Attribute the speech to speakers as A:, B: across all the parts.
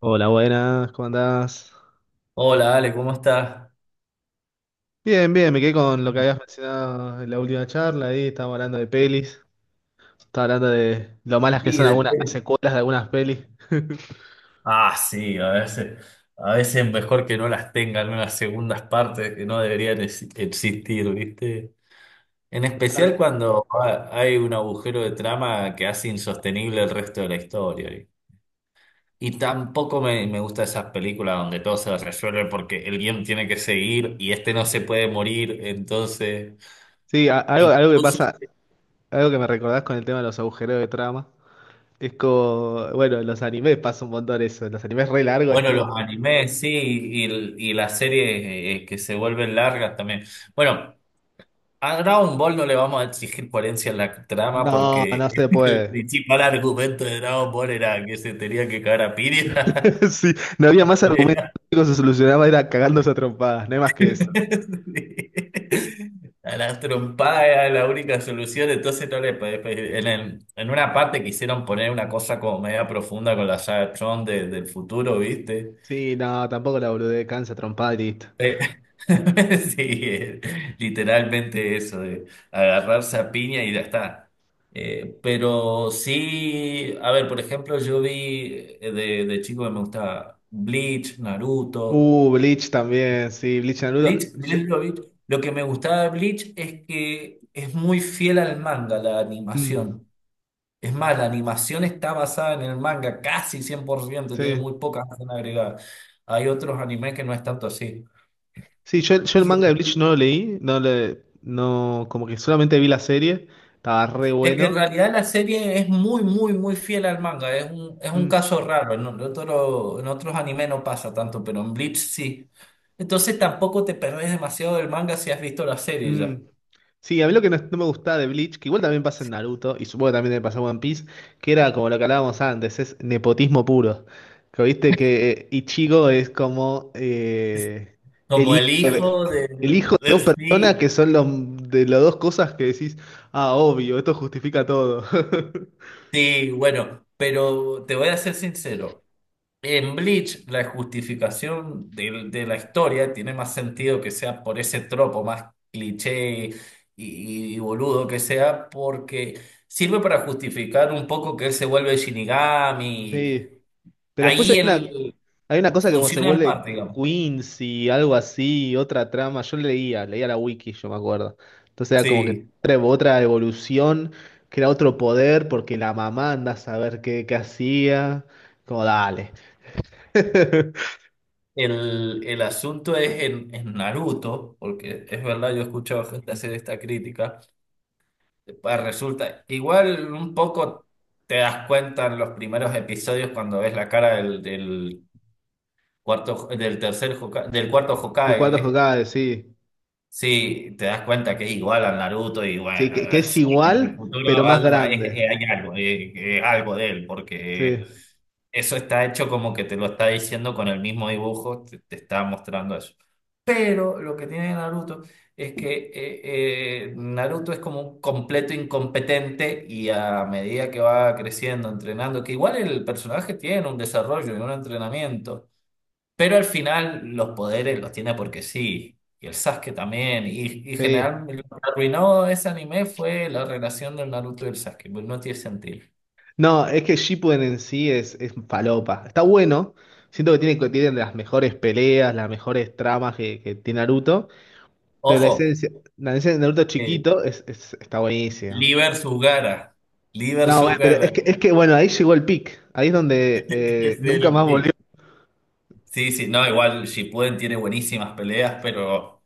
A: Hola, buenas, ¿cómo andás?
B: Hola, Ale, ¿cómo estás?
A: Bien, bien, me quedé con lo que habías mencionado en la última charla, ahí estábamos hablando de pelis, estaba hablando de lo malas que
B: Sí,
A: son algunas las
B: depende.
A: secuelas de algunas pelis.
B: Ah, sí, a veces mejor que no las tengan unas segundas partes que no deberían existir, ¿viste? En especial
A: Totalmente.
B: cuando hay un agujero de trama que hace insostenible el resto de la historia. ¿Vi? Y tampoco me gusta esas películas donde todo se resuelve porque el guión tiene que seguir y este no se puede morir, entonces...
A: Sí, algo que
B: Incluso
A: pasa, algo que me recordás con el tema de los agujeros de trama, es como, bueno, en los animes pasa un montón eso, en los animes re largos es
B: bueno,
A: tipo,
B: los animes, sí, y las series que se vuelven largas también. Bueno, a Dragon Ball no le vamos a exigir coherencia en la trama
A: no,
B: porque
A: no se
B: el
A: puede.
B: principal argumento de Dragon Ball era que se tenía que cagar a Piria.
A: Sí, no había más argumentos, lo único que se solucionaba era cagándose a trompadas, no hay más que eso.
B: A las trompadas era la única solución, entonces no le podés en, en una parte quisieron poner una cosa como media profunda con la saga Tron del futuro, ¿viste?
A: Sí, no, tampoco la boludez, cansa trompada y listo.
B: Sí, literalmente eso, de agarrarse a piña y ya está. Pero sí, a ver, por ejemplo, yo vi de chico que me gustaba Bleach, Naruto.
A: Bleach también, sí, Bleach
B: Bleach,
A: Naruto.
B: Lo vi. Lo que me gustaba de Bleach es que es muy fiel al manga, la
A: Mm,
B: animación. Es más, la animación está basada en el manga casi 100%, tiene
A: sí,
B: muy pocas escenas agregadas. Hay otros animes que no es tanto así.
A: yo el
B: Y
A: manga de Bleach
B: el,
A: no lo leí, no le, no, como que solamente vi la serie, estaba re
B: Es que
A: bueno.
B: en realidad la serie es muy, muy, muy fiel al manga. Es un
A: Mm.
B: caso raro, ¿no? En otros animes no pasa tanto, pero en Bleach sí. Entonces tampoco te perdés demasiado del manga si has visto la serie
A: Mm.
B: ya.
A: Sí, a mí lo que no me gustaba de Bleach, que igual también pasa en Naruto, y supongo que también le pasó en One Piece, que era como lo que hablábamos antes, es nepotismo puro. Que viste que Ichigo es como
B: Es
A: el
B: como
A: hijo
B: el
A: de,
B: hijo
A: el hijo de dos personas que
B: sí,
A: son los, de las dos cosas que decís, ah, obvio, esto justifica todo.
B: sí, bueno, pero te voy a ser sincero. En Bleach, la justificación la historia tiene más sentido que sea por ese tropo más cliché y boludo que sea, porque sirve para justificar un poco que él se vuelve Shinigami.
A: Sí. Pero después hay
B: Ahí
A: una,
B: él
A: hay una cosa que como se
B: funciona en
A: vuelve
B: parte, digamos.
A: Quincy, algo así, otra trama. Yo leía la wiki, yo me acuerdo. Entonces era como que
B: Sí,
A: otra, otra evolución, que era otro poder, porque la mamá anda a saber qué, qué hacía. Como dale.
B: el asunto es en Naruto, porque es verdad, yo he escuchado gente hacer esta crítica. Pues resulta, igual un poco te das cuenta en los primeros episodios cuando ves la cara del cuarto, del cuarto
A: De cuántos
B: Hokage.
A: jugaba, sí.
B: Sí, te das cuenta que es igual al Naruto y
A: Sí,
B: bueno,
A: que es
B: sí, en el
A: igual,
B: futuro
A: pero más
B: hay,
A: grande.
B: hay algo, algo de él, porque
A: Sí,
B: eso está hecho como que te lo está diciendo con el mismo dibujo, te está mostrando eso. Pero lo que tiene Naruto es que Naruto es como un completo incompetente y a medida que va creciendo, entrenando, que igual el personaje tiene un desarrollo y un entrenamiento. Pero al final los poderes los tiene porque sí. Y el Sasuke también. Y
A: sí.
B: general, lo que arruinó ese anime fue la relación del Naruto y el Sasuke. Pues no tiene sentido.
A: No, es que Shippuden en sí es falopa. Está bueno. Siento que tiene, que tienen las mejores peleas, las mejores tramas que tiene Naruto. Pero
B: Ojo,
A: la esencia de Naruto
B: eh,
A: chiquito es, está buenísimo.
B: Lee versus Gaara. Lee
A: No, bueno,
B: versus
A: pero
B: Gaara.
A: es que, es que, bueno, ahí llegó el pic. Ahí es donde
B: Es
A: nunca
B: el
A: más volvió.
B: pick. Sí, sí, no, igual Shippuden tiene buenísimas peleas, pero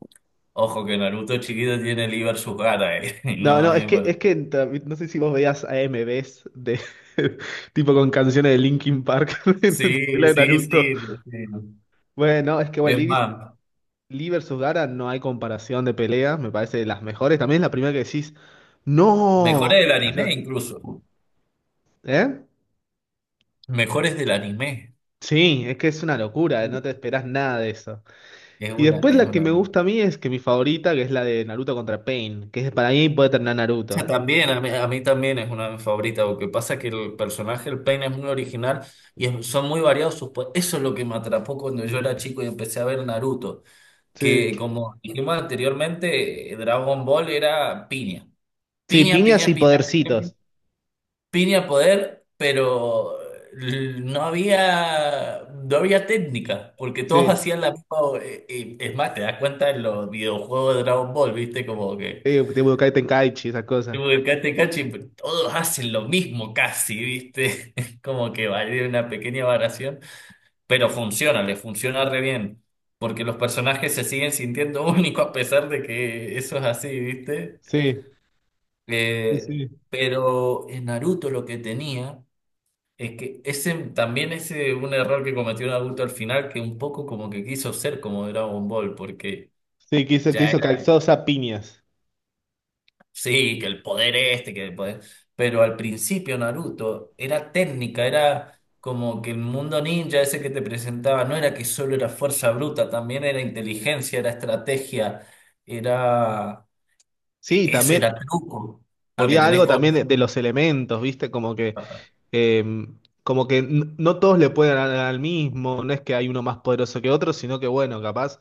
B: ojo que Naruto chiquito tiene Lee versus Gaara.
A: No,
B: No,
A: no, es que,
B: bueno.
A: es que no sé si vos veías AMVs de tipo con canciones de Linkin Park en la
B: Sí,
A: pelea de
B: sí,
A: Naruto.
B: sí, sí.
A: Bueno, es que bueno,
B: Es
A: Lee,
B: más,
A: Lee versus Gaara no hay comparación de pelea, me parece de las mejores. También es la primera que decís, ¡No!
B: mejores del anime incluso.
A: ¿Eh?
B: Mejores del anime.
A: Sí, es que es una locura, no te esperás nada de eso.
B: Es
A: Y
B: una,
A: después
B: es
A: la que
B: una.
A: me gusta a mí es que mi favorita, que es la de Naruto contra Pain, que es para mí puede terminar
B: O sea,
A: Naruto.
B: también, a mí también es una de mis favoritas. Lo que pasa es que el personaje, el Pain, es muy original y son muy variados sus. Eso es lo que me atrapó cuando yo era chico y empecé a ver Naruto. Que
A: Sí,
B: como dijimos anteriormente, Dragon Ball era piña.
A: sí,
B: Piña,
A: piñas
B: piña,
A: y
B: piña, piña, piña,
A: podercitos.
B: piña poder, pero no había, no había técnica, porque todos
A: Sí,
B: hacían la misma. Es más, te das cuenta en los videojuegos de Dragon Ball, ¿viste? Como que.
A: Sí, tipo Kaiten Kaichi, esas cosas.
B: Tipo, el Cate Cachi, pues, todos hacen lo mismo casi, ¿viste? Es como que vale una pequeña variación, pero funciona, le funciona re bien, porque los personajes se siguen sintiendo únicos a pesar de que eso es así, ¿viste?
A: Sí, sí,
B: Eh,
A: sí.
B: pero en Naruto lo que tenía es que ese también ese un error que cometió Naruto al final, que un poco como que quiso ser como Dragon Ball, porque...
A: Sí, que
B: Ya
A: hizo calzosa piñas.
B: sí, que el poder este, que el poder... Pero al principio Naruto era técnica, era como que el mundo ninja ese que te presentaba no era que solo era fuerza bruta, también era inteligencia, era estrategia, era...
A: Sí,
B: Eso
A: también
B: era truco, porque
A: había
B: tenés
A: algo
B: con...
A: también de los elementos, ¿viste? Eh, como que no todos le pueden ganar al mismo, no es que hay uno más poderoso que otro, sino que bueno, capaz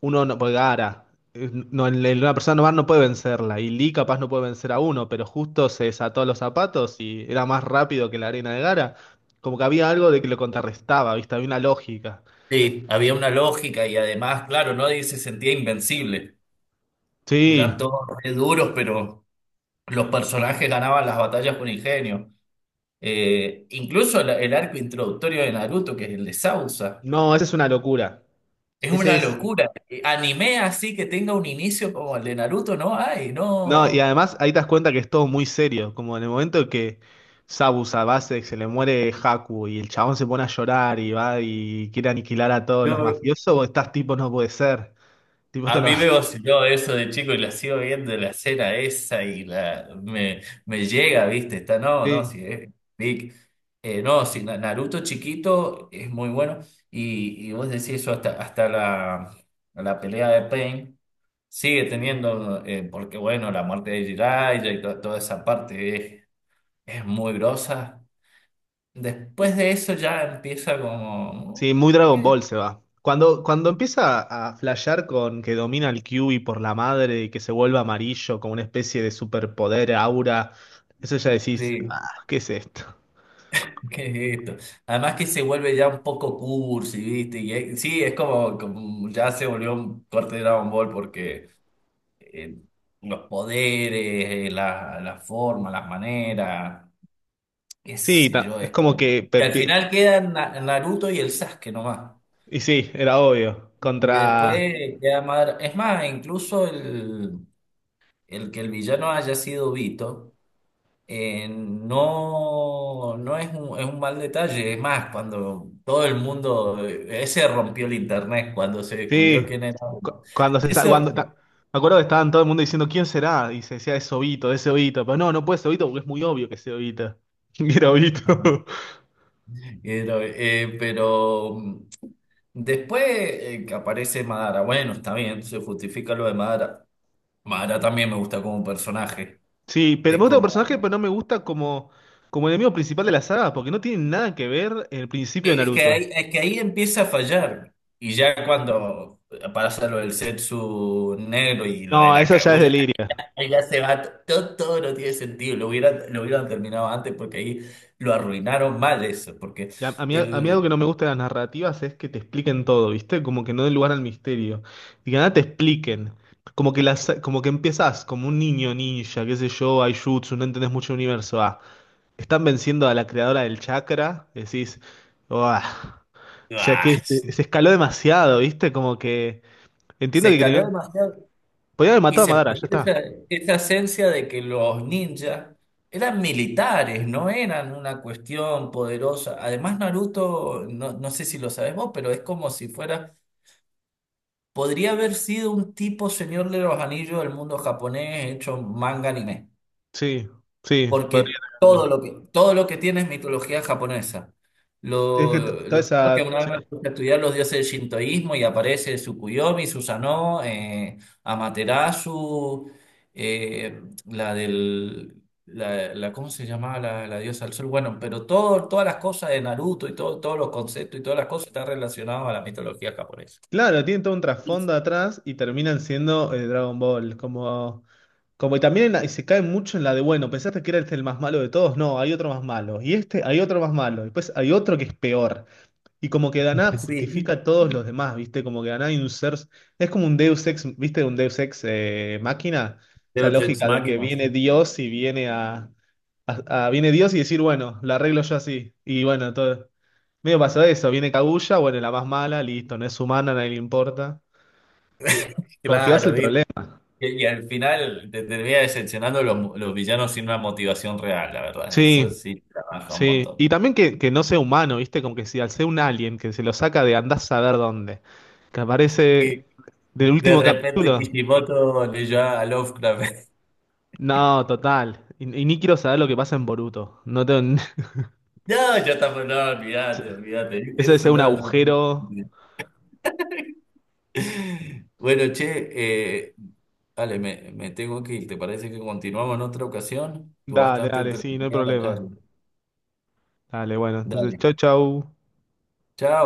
A: uno no puede Gaara, no, una persona normal no puede vencerla, y Lee capaz no puede vencer a uno, pero justo se desató los zapatos y era más rápido que la arena de Gara. Como que había algo de que lo contrarrestaba, ¿viste? Había una lógica.
B: Sí, había una lógica y además, claro, nadie se sentía invencible. Eran
A: Sí,
B: todos re duros, pero los personajes ganaban las batallas con ingenio. Incluso el arco introductorio de Naruto, que es el de Sausa.
A: no, esa es una locura.
B: Es
A: Ese
B: una
A: es
B: locura. Anime así que tenga un inicio como el de Naruto, no hay,
A: No, y
B: no.
A: además ahí te das cuenta que es todo muy serio, como en el momento que Sabu Savasek se le muere Haku y el chabón se pone a llorar y va y quiere aniquilar a todos los
B: No,
A: mafiosos, vos estás tipo, no puede ser, tipo, esto
B: a
A: no...
B: mí me vaciló eso de chico y la sigo viendo la escena esa y la me, me llega, ¿viste? Está, no, no,
A: Sí,
B: sí, es big. No, sí, Naruto chiquito es muy bueno. Y vos decís eso hasta, la pelea de Pain sigue teniendo, porque bueno, la muerte de Jiraiya y toda esa parte es muy grosa. Después de eso ya empieza como...
A: sí, muy Dragon
B: "Eh,
A: Ball se va. Cuando, cuando empieza a flashear con que domina el Kyuubi por la madre y que se vuelve amarillo como una especie de superpoder, aura, eso ya decís,
B: sí,
A: ah, ¿qué es esto?
B: ¿qué es esto? Además que se vuelve ya un poco cursi, ¿viste? Y sí, es como, como ya se volvió un corte de Dragon Ball porque eh, los poderes, la forma, las maneras, qué
A: Sí,
B: sé yo,
A: es
B: es
A: como
B: como...
A: que...
B: Que al final quedan Naruto y el Sasuke nomás.
A: y sí, era obvio.
B: Y después
A: Contra...
B: queda Madara. Es más, incluso el que el villano haya sido Vito. No, no es un, es un mal detalle. Es más, cuando todo el mundo, ese rompió el internet cuando se descubrió
A: Sí,
B: quién era.
A: cuando
B: Ese
A: cuando
B: rompió.
A: me acuerdo que estaban todo el mundo diciendo quién será y se decía es Obito, pero no, no puede ser Obito porque es muy obvio que es Obito. Y era Obito.
B: Ajá. Pero, después que aparece Madara, bueno, está bien, se justifica lo de Madara. Madara también me gusta como personaje.
A: Sí, pero me
B: Es
A: gusta el
B: como,
A: personaje, pero no me gusta como como enemigo principal de la saga porque no tiene nada que ver el principio de Naruto.
B: es que ahí empieza a fallar. Y ya cuando para hacer lo del Zetsu negro y lo de
A: No,
B: la
A: eso ya es
B: Kaguya,
A: delirio.
B: oiga, se va, todo, todo no tiene sentido, lo hubieran terminado antes porque ahí lo arruinaron mal eso, porque
A: Y a mí algo
B: el,
A: que no me gusta de las narrativas es que te expliquen todo, ¿viste? Como que no den lugar al misterio. Y que nada te expliquen. Como que las, como que empezás como un niño ninja, qué sé yo, Aijutsu, no entendés mucho el universo. Ah, están venciendo a la creadora del chakra, decís, "Uah". O sea
B: ah,
A: que se escaló demasiado, ¿viste? Como que entiendo
B: se
A: que
B: escaló
A: tenían,
B: demasiado
A: podían haber
B: y
A: matado a
B: se
A: Madara, ya
B: perdió esa,
A: está.
B: esa esencia de que los ninjas eran militares, no eran una cuestión poderosa. Además, Naruto, no, no sé si lo sabes vos, pero es como si fuera, podría haber sido un tipo Señor de los Anillos del mundo japonés hecho manga anime.
A: Sí, sí,
B: Porque
A: podrían haber.
B: todo lo que tiene es mitología japonesa.
A: Es
B: Lo,
A: que toda
B: lo porque
A: esa.
B: una vez
A: Sí.
B: me puse a estudiar los dioses del shintoísmo y aparece Tsukuyomi, Susanoo, Amaterasu, la del... ¿cómo se llamaba la diosa del sol? Bueno, pero todo, todas las cosas de Naruto y todo, todos los conceptos y todas las cosas están relacionados a la mitología japonesa.
A: Claro, tienen todo un trasfondo atrás y terminan siendo Dragon Ball. Como, como y también en y se cae mucho en la de, bueno, pensaste que era este el más malo de todos. No, hay otro más malo. Y este, hay otro más malo. Y después hay otro que es peor. Y como que Daná justifica
B: Sí,
A: a todos los demás, ¿viste? Como que Daná hay un ser. Es como un Deus ex, ¿viste? Un Deus ex máquina. Esa
B: de Ex
A: lógica de que
B: máquinas.
A: viene Dios y viene a, viene Dios y decir, bueno, la arreglo yo así. Y bueno, todo. Medio pasó eso. Viene Kaguya, bueno, la más mala, listo, no es humana, a nadie le importa. Como que va a ser el
B: Claro, Y,
A: problema.
B: y al final te termina decepcionando los, los villanos sin una motivación real, la verdad. Eso
A: Sí,
B: sí trabaja un
A: sí.
B: montón.
A: Y también que no sea humano, ¿viste? Como que si al ser un alien que se lo saca de andás a saber dónde. Que
B: Y
A: aparece del
B: de
A: último
B: repente
A: capítulo.
B: Kishimoto leyó a Lovecraft.
A: No, total. Y ni quiero saber lo que pasa en Boruto. No tengo...
B: No, ya estamos, no, olvídate, olvídate.
A: Eso debe
B: Eso
A: ser un
B: no, no.
A: agujero.
B: Bueno, che, Ale, me tengo que ir. ¿Te parece que continuamos en otra ocasión? Estuvo
A: Dale,
B: bastante
A: dale, sí, no hay
B: entretenida la
A: problema.
B: charla.
A: Dale, bueno, entonces,
B: Dale.
A: chau, chau.
B: Chao.